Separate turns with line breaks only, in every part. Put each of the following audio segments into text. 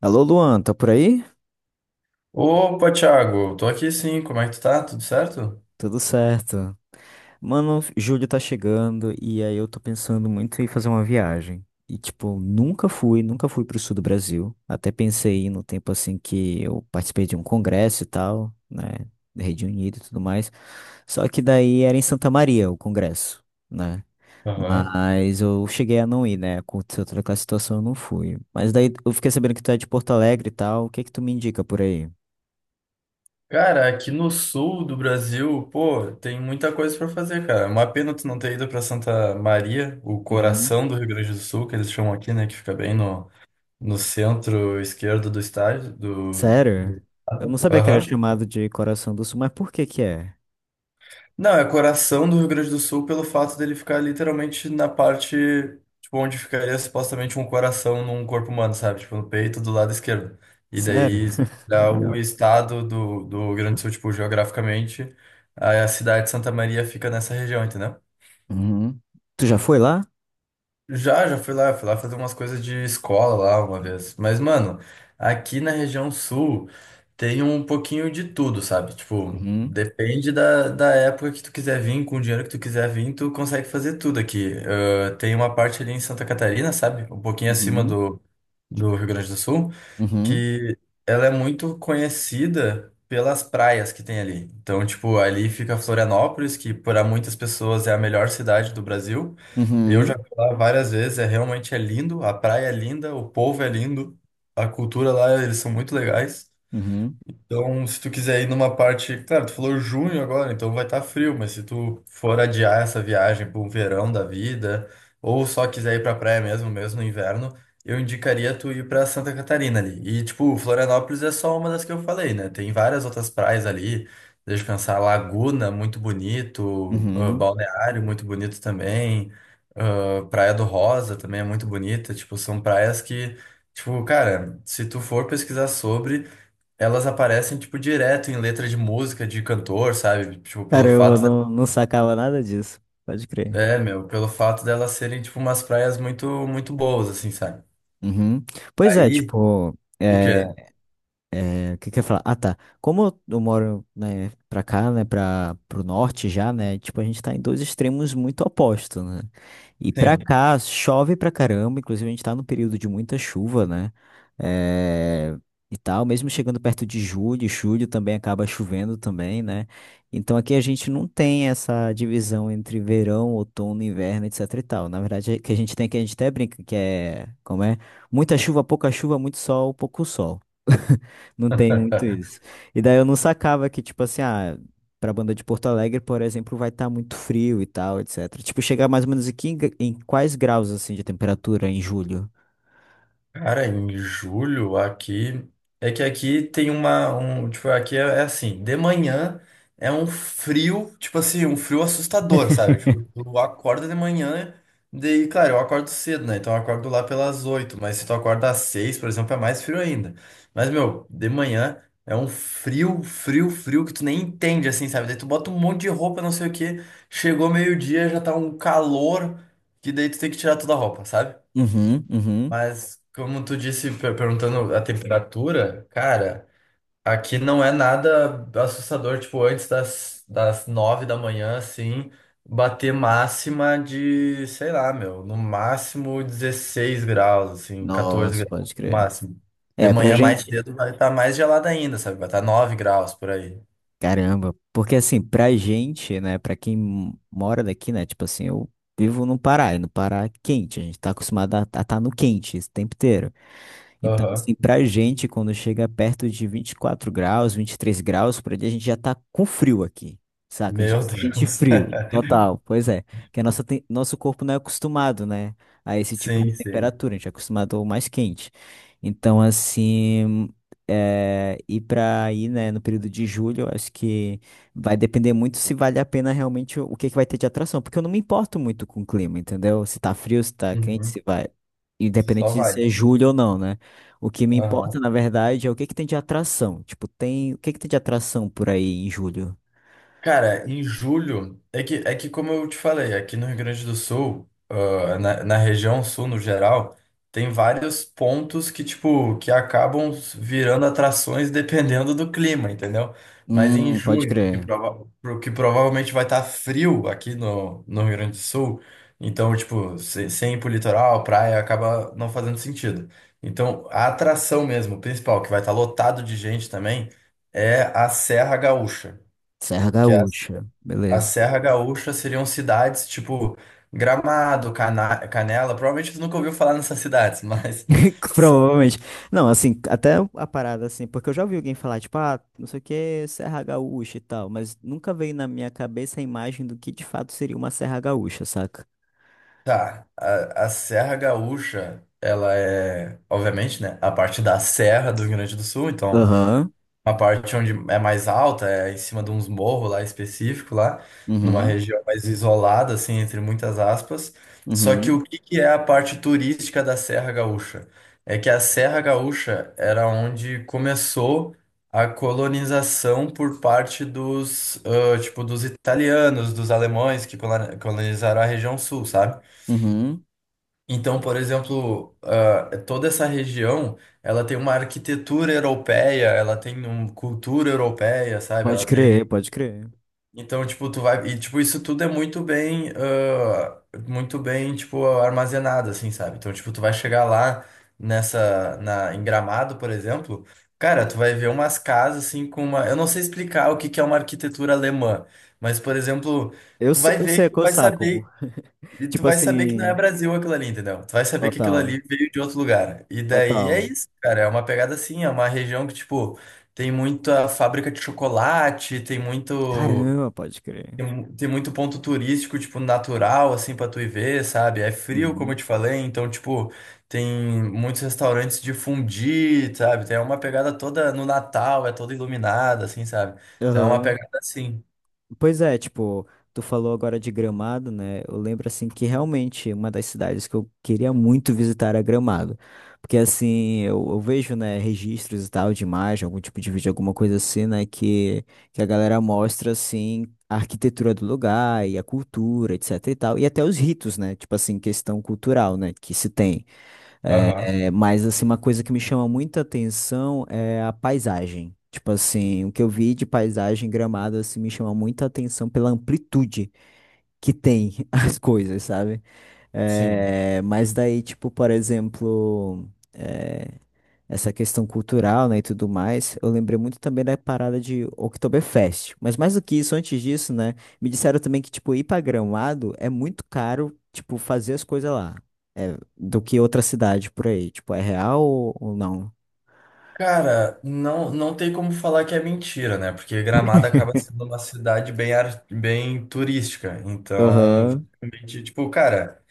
Alô, Luan, tá por aí?
Opa, Thiago, tô aqui sim, como é que tu tá? Tudo certo?
Tudo certo. Mano, julho tá chegando e aí eu tô pensando muito em fazer uma viagem. E, tipo, nunca fui pro sul do Brasil. Até pensei em ir no tempo assim que eu participei de um congresso e tal, né, da Rede Unida e tudo mais. Só que daí era em Santa Maria o congresso, né?
Aham.
Mas eu cheguei a não ir, né? Aconteceu toda aquela situação, eu não fui. Mas daí eu fiquei sabendo que tu é de Porto Alegre e tal. O que é que tu me indica por aí?
Cara, aqui no sul do Brasil, pô, tem muita coisa pra fazer, cara. É uma pena tu não ter ido pra Santa Maria, o
Uhum.
coração do Rio Grande do Sul, que eles chamam aqui, né, que fica bem no, no centro esquerdo do estádio, do,
Sério?
do...
Eu não sabia que era
Aham.
chamado de Coração do Sul, mas por que que é?
Não, é coração do Rio Grande do Sul pelo fato dele ficar literalmente na parte, tipo, onde ficaria supostamente um coração num corpo humano, sabe? Tipo, no peito do lado esquerdo. E
Sério?
daí, se olhar o
Legal.
estado do, do Rio Grande do Sul, tipo, geograficamente, a cidade de Santa Maria fica nessa região, entendeu?
Uhum. Tu já foi lá?
Já fui lá fazer umas coisas de escola lá uma vez. Mas, mano, aqui na região sul tem um pouquinho de tudo, sabe? Tipo,
Uhum.
depende da época que tu quiser vir, com o dinheiro que tu quiser vir, tu consegue fazer tudo aqui. Ah, tem uma parte ali em Santa Catarina, sabe? Um pouquinho acima
Uhum.
do Rio Grande do Sul
Uhum.
que ela é muito conhecida pelas praias que tem ali. Então, tipo, ali fica Florianópolis, que para muitas pessoas é a melhor cidade do Brasil. Eu já
Uhum.
fui lá várias vezes, é realmente é lindo, a praia é linda, o povo é lindo, a cultura lá, eles são muito legais.
Uhum.
Então, se tu quiser ir numa parte, claro, tu falou junho agora, então vai estar frio, mas se tu for adiar essa viagem para um verão da vida, ou só quiser ir para praia mesmo, mesmo no inverno, eu indicaria tu ir para Santa Catarina ali. E tipo, Florianópolis é só uma das que eu falei, né? Tem várias outras praias ali, descansar Laguna, muito bonito, ah,
Uhum.
Balneário, muito bonito também, ah, Praia do Rosa também é muito bonita, tipo, são praias que tipo, cara, se tu for pesquisar sobre, elas aparecem, tipo, direto em letra de música, de cantor, sabe? Tipo, pelo
Caramba, eu
fato de...
não sacava nada disso. Pode crer.
É, meu, pelo fato delas serem, tipo, umas praias muito, muito boas, assim, sabe?
Uhum. Pois é,
Aí,
tipo,
o quê?
É, o que que eu ia falar? Ah, tá. Como eu moro, né, pra cá, né, pro norte já, né, tipo, a gente tá em dois extremos muito opostos, né? E pra
Sim.
cá, chove pra caramba, inclusive a gente tá num período de muita chuva, né? É, e tal, mesmo chegando perto de julho, julho também acaba chovendo também, né? Então aqui a gente não tem essa divisão entre verão, outono, inverno, etc e tal. Na verdade, o que a gente tem que a gente até brinca, que é, como é? Muita chuva, pouca chuva, muito sol, pouco sol. Não tem muito isso. E daí eu não sacava que, tipo assim, ah, pra banda de Porto Alegre, por exemplo, vai estar muito frio e tal, etc. Tipo, chegar mais ou menos aqui em, em quais graus, assim, de temperatura em julho?
Cara, em julho aqui. É que aqui tem uma. Um, tipo, aqui é, é assim: de manhã é um frio, tipo assim, um frio assustador, sabe? Tipo, tu acorda de manhã, daí, claro, eu acordo cedo, né? Então eu acordo lá pelas 8, mas se tu acorda às 6, por exemplo, é mais frio ainda. Mas, meu, de manhã é um frio, frio, frio que tu nem entende, assim, sabe? Daí tu bota um monte de roupa, não sei o quê, chegou meio-dia, já tá um calor, que daí tu tem que tirar toda a roupa, sabe?
Uhum, uhum.
Mas, como tu disse, perguntando a temperatura, cara, aqui não é nada assustador, tipo, antes das, das 9 da manhã, assim, bater máxima de, sei lá, meu, no máximo 16 graus, assim, 14
Nossa,
graus,
pode
no
crer.
máximo. De
É, pra
manhã mais
gente.
cedo vai estar mais gelada ainda, sabe? Vai estar 9 graus por aí.
Caramba. Porque, assim, pra gente, né, pra quem mora daqui, né, tipo assim, eu vivo no Pará, e no Pará é quente, a gente tá acostumado a estar no quente esse tempo inteiro. Então,
Aham.
assim, pra gente, quando chega perto de 24 graus, 23 graus, por ali, a gente já tá com frio aqui, saca? A gente já
Meu
se sente
Deus.
frio, total, pois é. Que nosso corpo não é acostumado, né, a esse tipo de
Sim, sim.
temperatura, a gente é acostumado ao mais quente. Então, assim, ir pra aí, né, no período de julho, eu acho que vai depender muito se vale a pena realmente o que é que vai ter de atração, porque eu não me importo muito com o clima, entendeu? Se tá frio, se tá quente,
Uhum.
se vai.
Só
Independente de
vai.
ser julho ou não, né? O que me importa,
Aham.
na verdade, é o que que tem de atração. Tipo, tem. O que que tem de atração por aí em julho?
Cara, em julho, é que como eu te falei, aqui no Rio Grande do Sul, ah, na região sul no geral, tem vários pontos que, tipo, que acabam virando atrações dependendo do clima, entendeu? Mas em
Pode
junho, que,
crer.
que provavelmente vai estar frio aqui no, no Rio Grande do Sul, então, tipo, sem ir pro litoral, praia, acaba não fazendo sentido. Então, a atração mesmo, principal, que vai estar lotado de gente também, é a Serra Gaúcha.
Serra Gaúcha.
A
Beleza.
Serra Gaúcha seriam cidades tipo Gramado, Cana Canela. Provavelmente você nunca ouviu falar nessas cidades, mas são-
Provavelmente. Não, assim, até a parada, assim, porque eu já ouvi alguém falar, tipo, ah, não sei o que, Serra Gaúcha e tal, mas nunca veio na minha cabeça a imagem do que de fato seria uma Serra Gaúcha, saca?
tá. A Serra Gaúcha, ela é, obviamente, né, a parte da Serra do Rio Grande do Sul. Então,
Aham.
uma parte onde é mais alta, é em cima de uns morros lá específico lá, numa
Uhum.
região mais isolada, assim, entre muitas aspas. Só que
Uhum.
o que que é a parte turística da Serra Gaúcha? É que a Serra Gaúcha era onde começou a colonização por parte dos, ah, tipo, dos italianos, dos alemães que colonizaram a região sul, sabe?
Uhum.
Então, por exemplo, ah, toda essa região, ela tem uma arquitetura europeia, ela tem uma cultura europeia, sabe?
Pode
Ela tem.
crer, pode crer.
Então, tipo, tu vai. E, tipo, isso tudo é muito bem. Ah, muito bem, tipo, armazenado, assim, sabe? Então, tipo, tu vai chegar lá nessa. Na, em Gramado, por exemplo. Cara, tu vai ver umas casas, assim, com uma. Eu não sei explicar o que que é uma arquitetura alemã, mas, por exemplo.
Eu,
Tu
se-
vai
Eu
ver, e
sei
tu
qual
vai
saco.
saber e tu
Tipo
vai saber que não é
assim,
Brasil aquilo ali, entendeu? Tu vai saber que aquilo ali
total.
veio de outro lugar. E daí é
Total.
isso, cara. É uma pegada assim, é uma região que, tipo, tem muita fábrica de chocolate, tem muito.
Caramba, pode crer.
Tem, tem muito ponto turístico, tipo, natural, assim, pra tu ir ver, sabe? É frio, como eu
Uhum.
te falei, então, tipo, tem muitos restaurantes de fondue, sabe? Tem uma pegada toda no Natal, é toda iluminada, assim, sabe? Então é uma
Aham.
pegada assim.
Pois é, tipo, tu falou agora de Gramado, né? Eu lembro, assim, que realmente uma das cidades que eu queria muito visitar era Gramado. Porque, assim, eu vejo, né, registros e tal de imagem, algum tipo de vídeo, alguma coisa assim, né, que a galera mostra, assim, a arquitetura do lugar e a cultura, etc e tal. E até os ritos, né? Tipo assim, questão cultural, né, que se tem. É,
Aham,
é, mas assim, uma coisa que me chama muita atenção é a paisagem. Tipo assim, o que eu vi de paisagem em Gramado assim, me chama muita atenção pela amplitude que tem as coisas, sabe?
sim.
É, mas daí, tipo, por exemplo, é, essa questão cultural, né, e tudo mais, eu lembrei muito também da parada de Oktoberfest. Mas mais do que isso, antes disso, né, me disseram também que, tipo, ir pra Gramado é muito caro, tipo, fazer as coisas lá do que outra cidade por aí. Tipo, é real ou não?
Cara, não, não tem como falar que é mentira, né? Porque Gramado acaba sendo uma cidade bem, bem turística. Então,
Aham.
justamente, tipo, cara,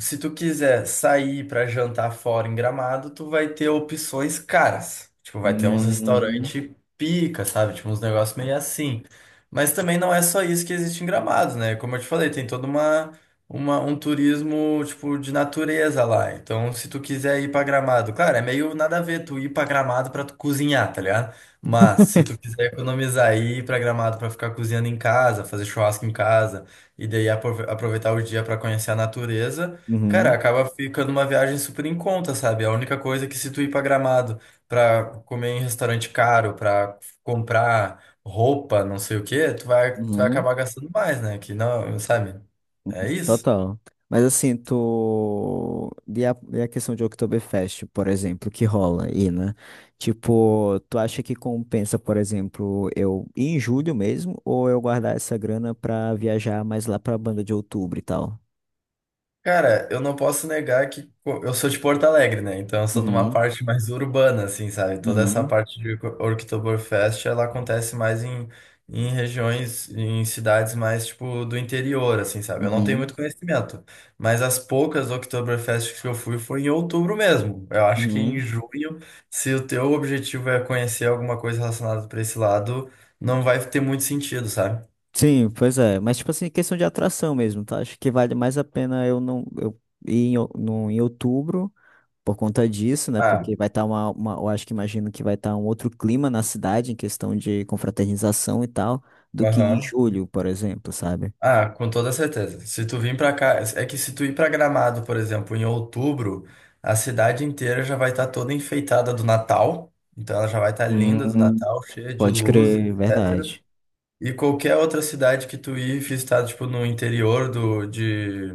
se tu quiser sair pra jantar fora em Gramado, tu vai ter opções caras. Tipo, vai ter uns
Uhum.
restaurantes pica, sabe? Tipo, uns negócios meio assim. Mas também não é só isso que existe em Gramado, né? Como eu te falei, tem toda uma, um turismo, tipo, de natureza lá. Então, se tu quiser ir pra Gramado, claro, é meio nada a ver tu ir pra Gramado pra tu cozinhar, tá ligado? Mas se tu quiser economizar e ir pra Gramado pra ficar cozinhando em casa, fazer churrasco em casa e daí aproveitar o dia pra conhecer a natureza, cara,
Uhum.
acaba ficando uma viagem super em conta, sabe? A única coisa é que se tu ir pra Gramado pra comer em restaurante caro, pra comprar roupa, não sei o quê, tu vai
Uhum.
acabar gastando mais, né? Que não, sabe? É isso.
Total. Mas assim, tu. E a questão de Oktoberfest, por exemplo, que rola aí, né? Tipo, tu acha que compensa, por exemplo, eu ir em julho mesmo, ou eu guardar essa grana pra viajar mais lá pra banda de outubro e tal?
Cara, eu não posso negar que eu sou de Porto Alegre, né? Então eu sou de uma
Uhum.
parte mais urbana, assim, sabe? Toda essa
Uhum.
parte de Oktoberfest, ela acontece mais em, em regiões, em cidades mais, tipo, do interior, assim, sabe? Eu não tenho
Uhum.
muito conhecimento, mas as poucas Oktoberfest que eu fui foi em outubro mesmo. Eu acho que em
Uhum.
junho, se o teu objetivo é conhecer alguma coisa relacionada para esse lado, não vai ter muito sentido, sabe?
Sim, pois é. Mas, tipo assim, questão de atração mesmo, tá? Acho que vale mais a pena eu ir em, o- no, em outubro por conta disso, né?
Ah,
Porque vai estar uma, uma. Eu acho que imagino que vai estar um outro clima na cidade, em questão de confraternização e tal, do que em
aham.
julho, por exemplo, sabe?
Ah, com toda certeza. Se tu vir pra cá, é que se tu ir pra Gramado, por exemplo, em outubro, a cidade inteira já vai estar toda enfeitada do Natal. Então ela já vai estar linda do
Hum,
Natal, cheia de
Pode
luz,
crer,
etc.
verdade.
E qualquer outra cidade que tu ir visitar, tipo, no interior do,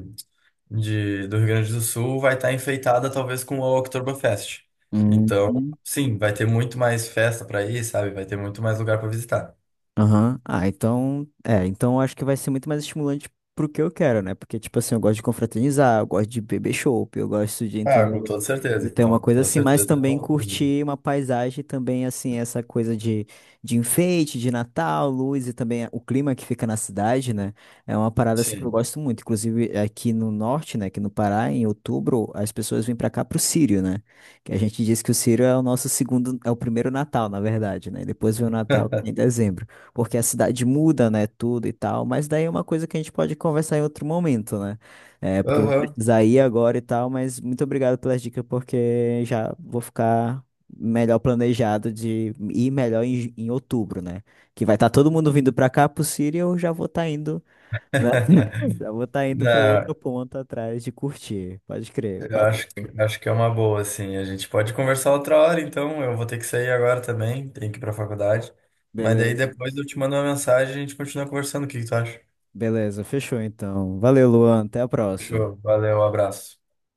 de, do Rio Grande do Sul, vai estar enfeitada talvez com o Oktoberfest. Então,
Hum.
sim, vai ter muito mais festa pra ir, sabe? Vai ter muito mais lugar pra visitar.
Aham. Ah, então, eu acho que vai ser muito mais estimulante pro que eu quero, né? Porque, tipo assim, eu gosto de confraternizar, eu gosto de beber chopp, eu gosto de,
Ah, com
entendeu?
toda
De
certeza,
ter uma
então. Com
coisa
toda
assim, mas
certeza. É
também
outubro.
curtir uma paisagem também, assim, essa coisa de, enfeite, de Natal, luz e também o clima que fica na cidade, né? É uma parada assim que eu
Sim.
gosto muito. Inclusive, aqui no norte, né? Aqui no Pará, em outubro, as pessoas vêm pra cá pro Círio, né? Que a gente diz que o Círio é o nosso segundo, é o primeiro Natal, na verdade, né? Depois vem o Natal em dezembro porque a cidade muda, né, tudo e tal, mas daí é uma coisa que a gente pode conversar em outro momento, né? É, porque eu vou
Aham.
precisar ir agora e tal, mas muito obrigado pelas dicas, porque já vou ficar melhor planejado de ir melhor em outubro, né? Que vai estar todo mundo vindo pra cá pro Siri e eu já vou estar indo, né? Já vou estar indo pra outro
Não,
ponto atrás de curtir, pode crer.
eu
Valeu.
acho que é uma boa, assim. A gente pode conversar outra hora, então. Eu vou ter que sair agora também, tenho que ir pra faculdade. Mas daí
Beleza,
depois eu te mando uma mensagem e a gente continua conversando. O que que tu acha?
beleza, fechou então. Valeu, Luan, até a próxima.
Fechou. Valeu, um abraço.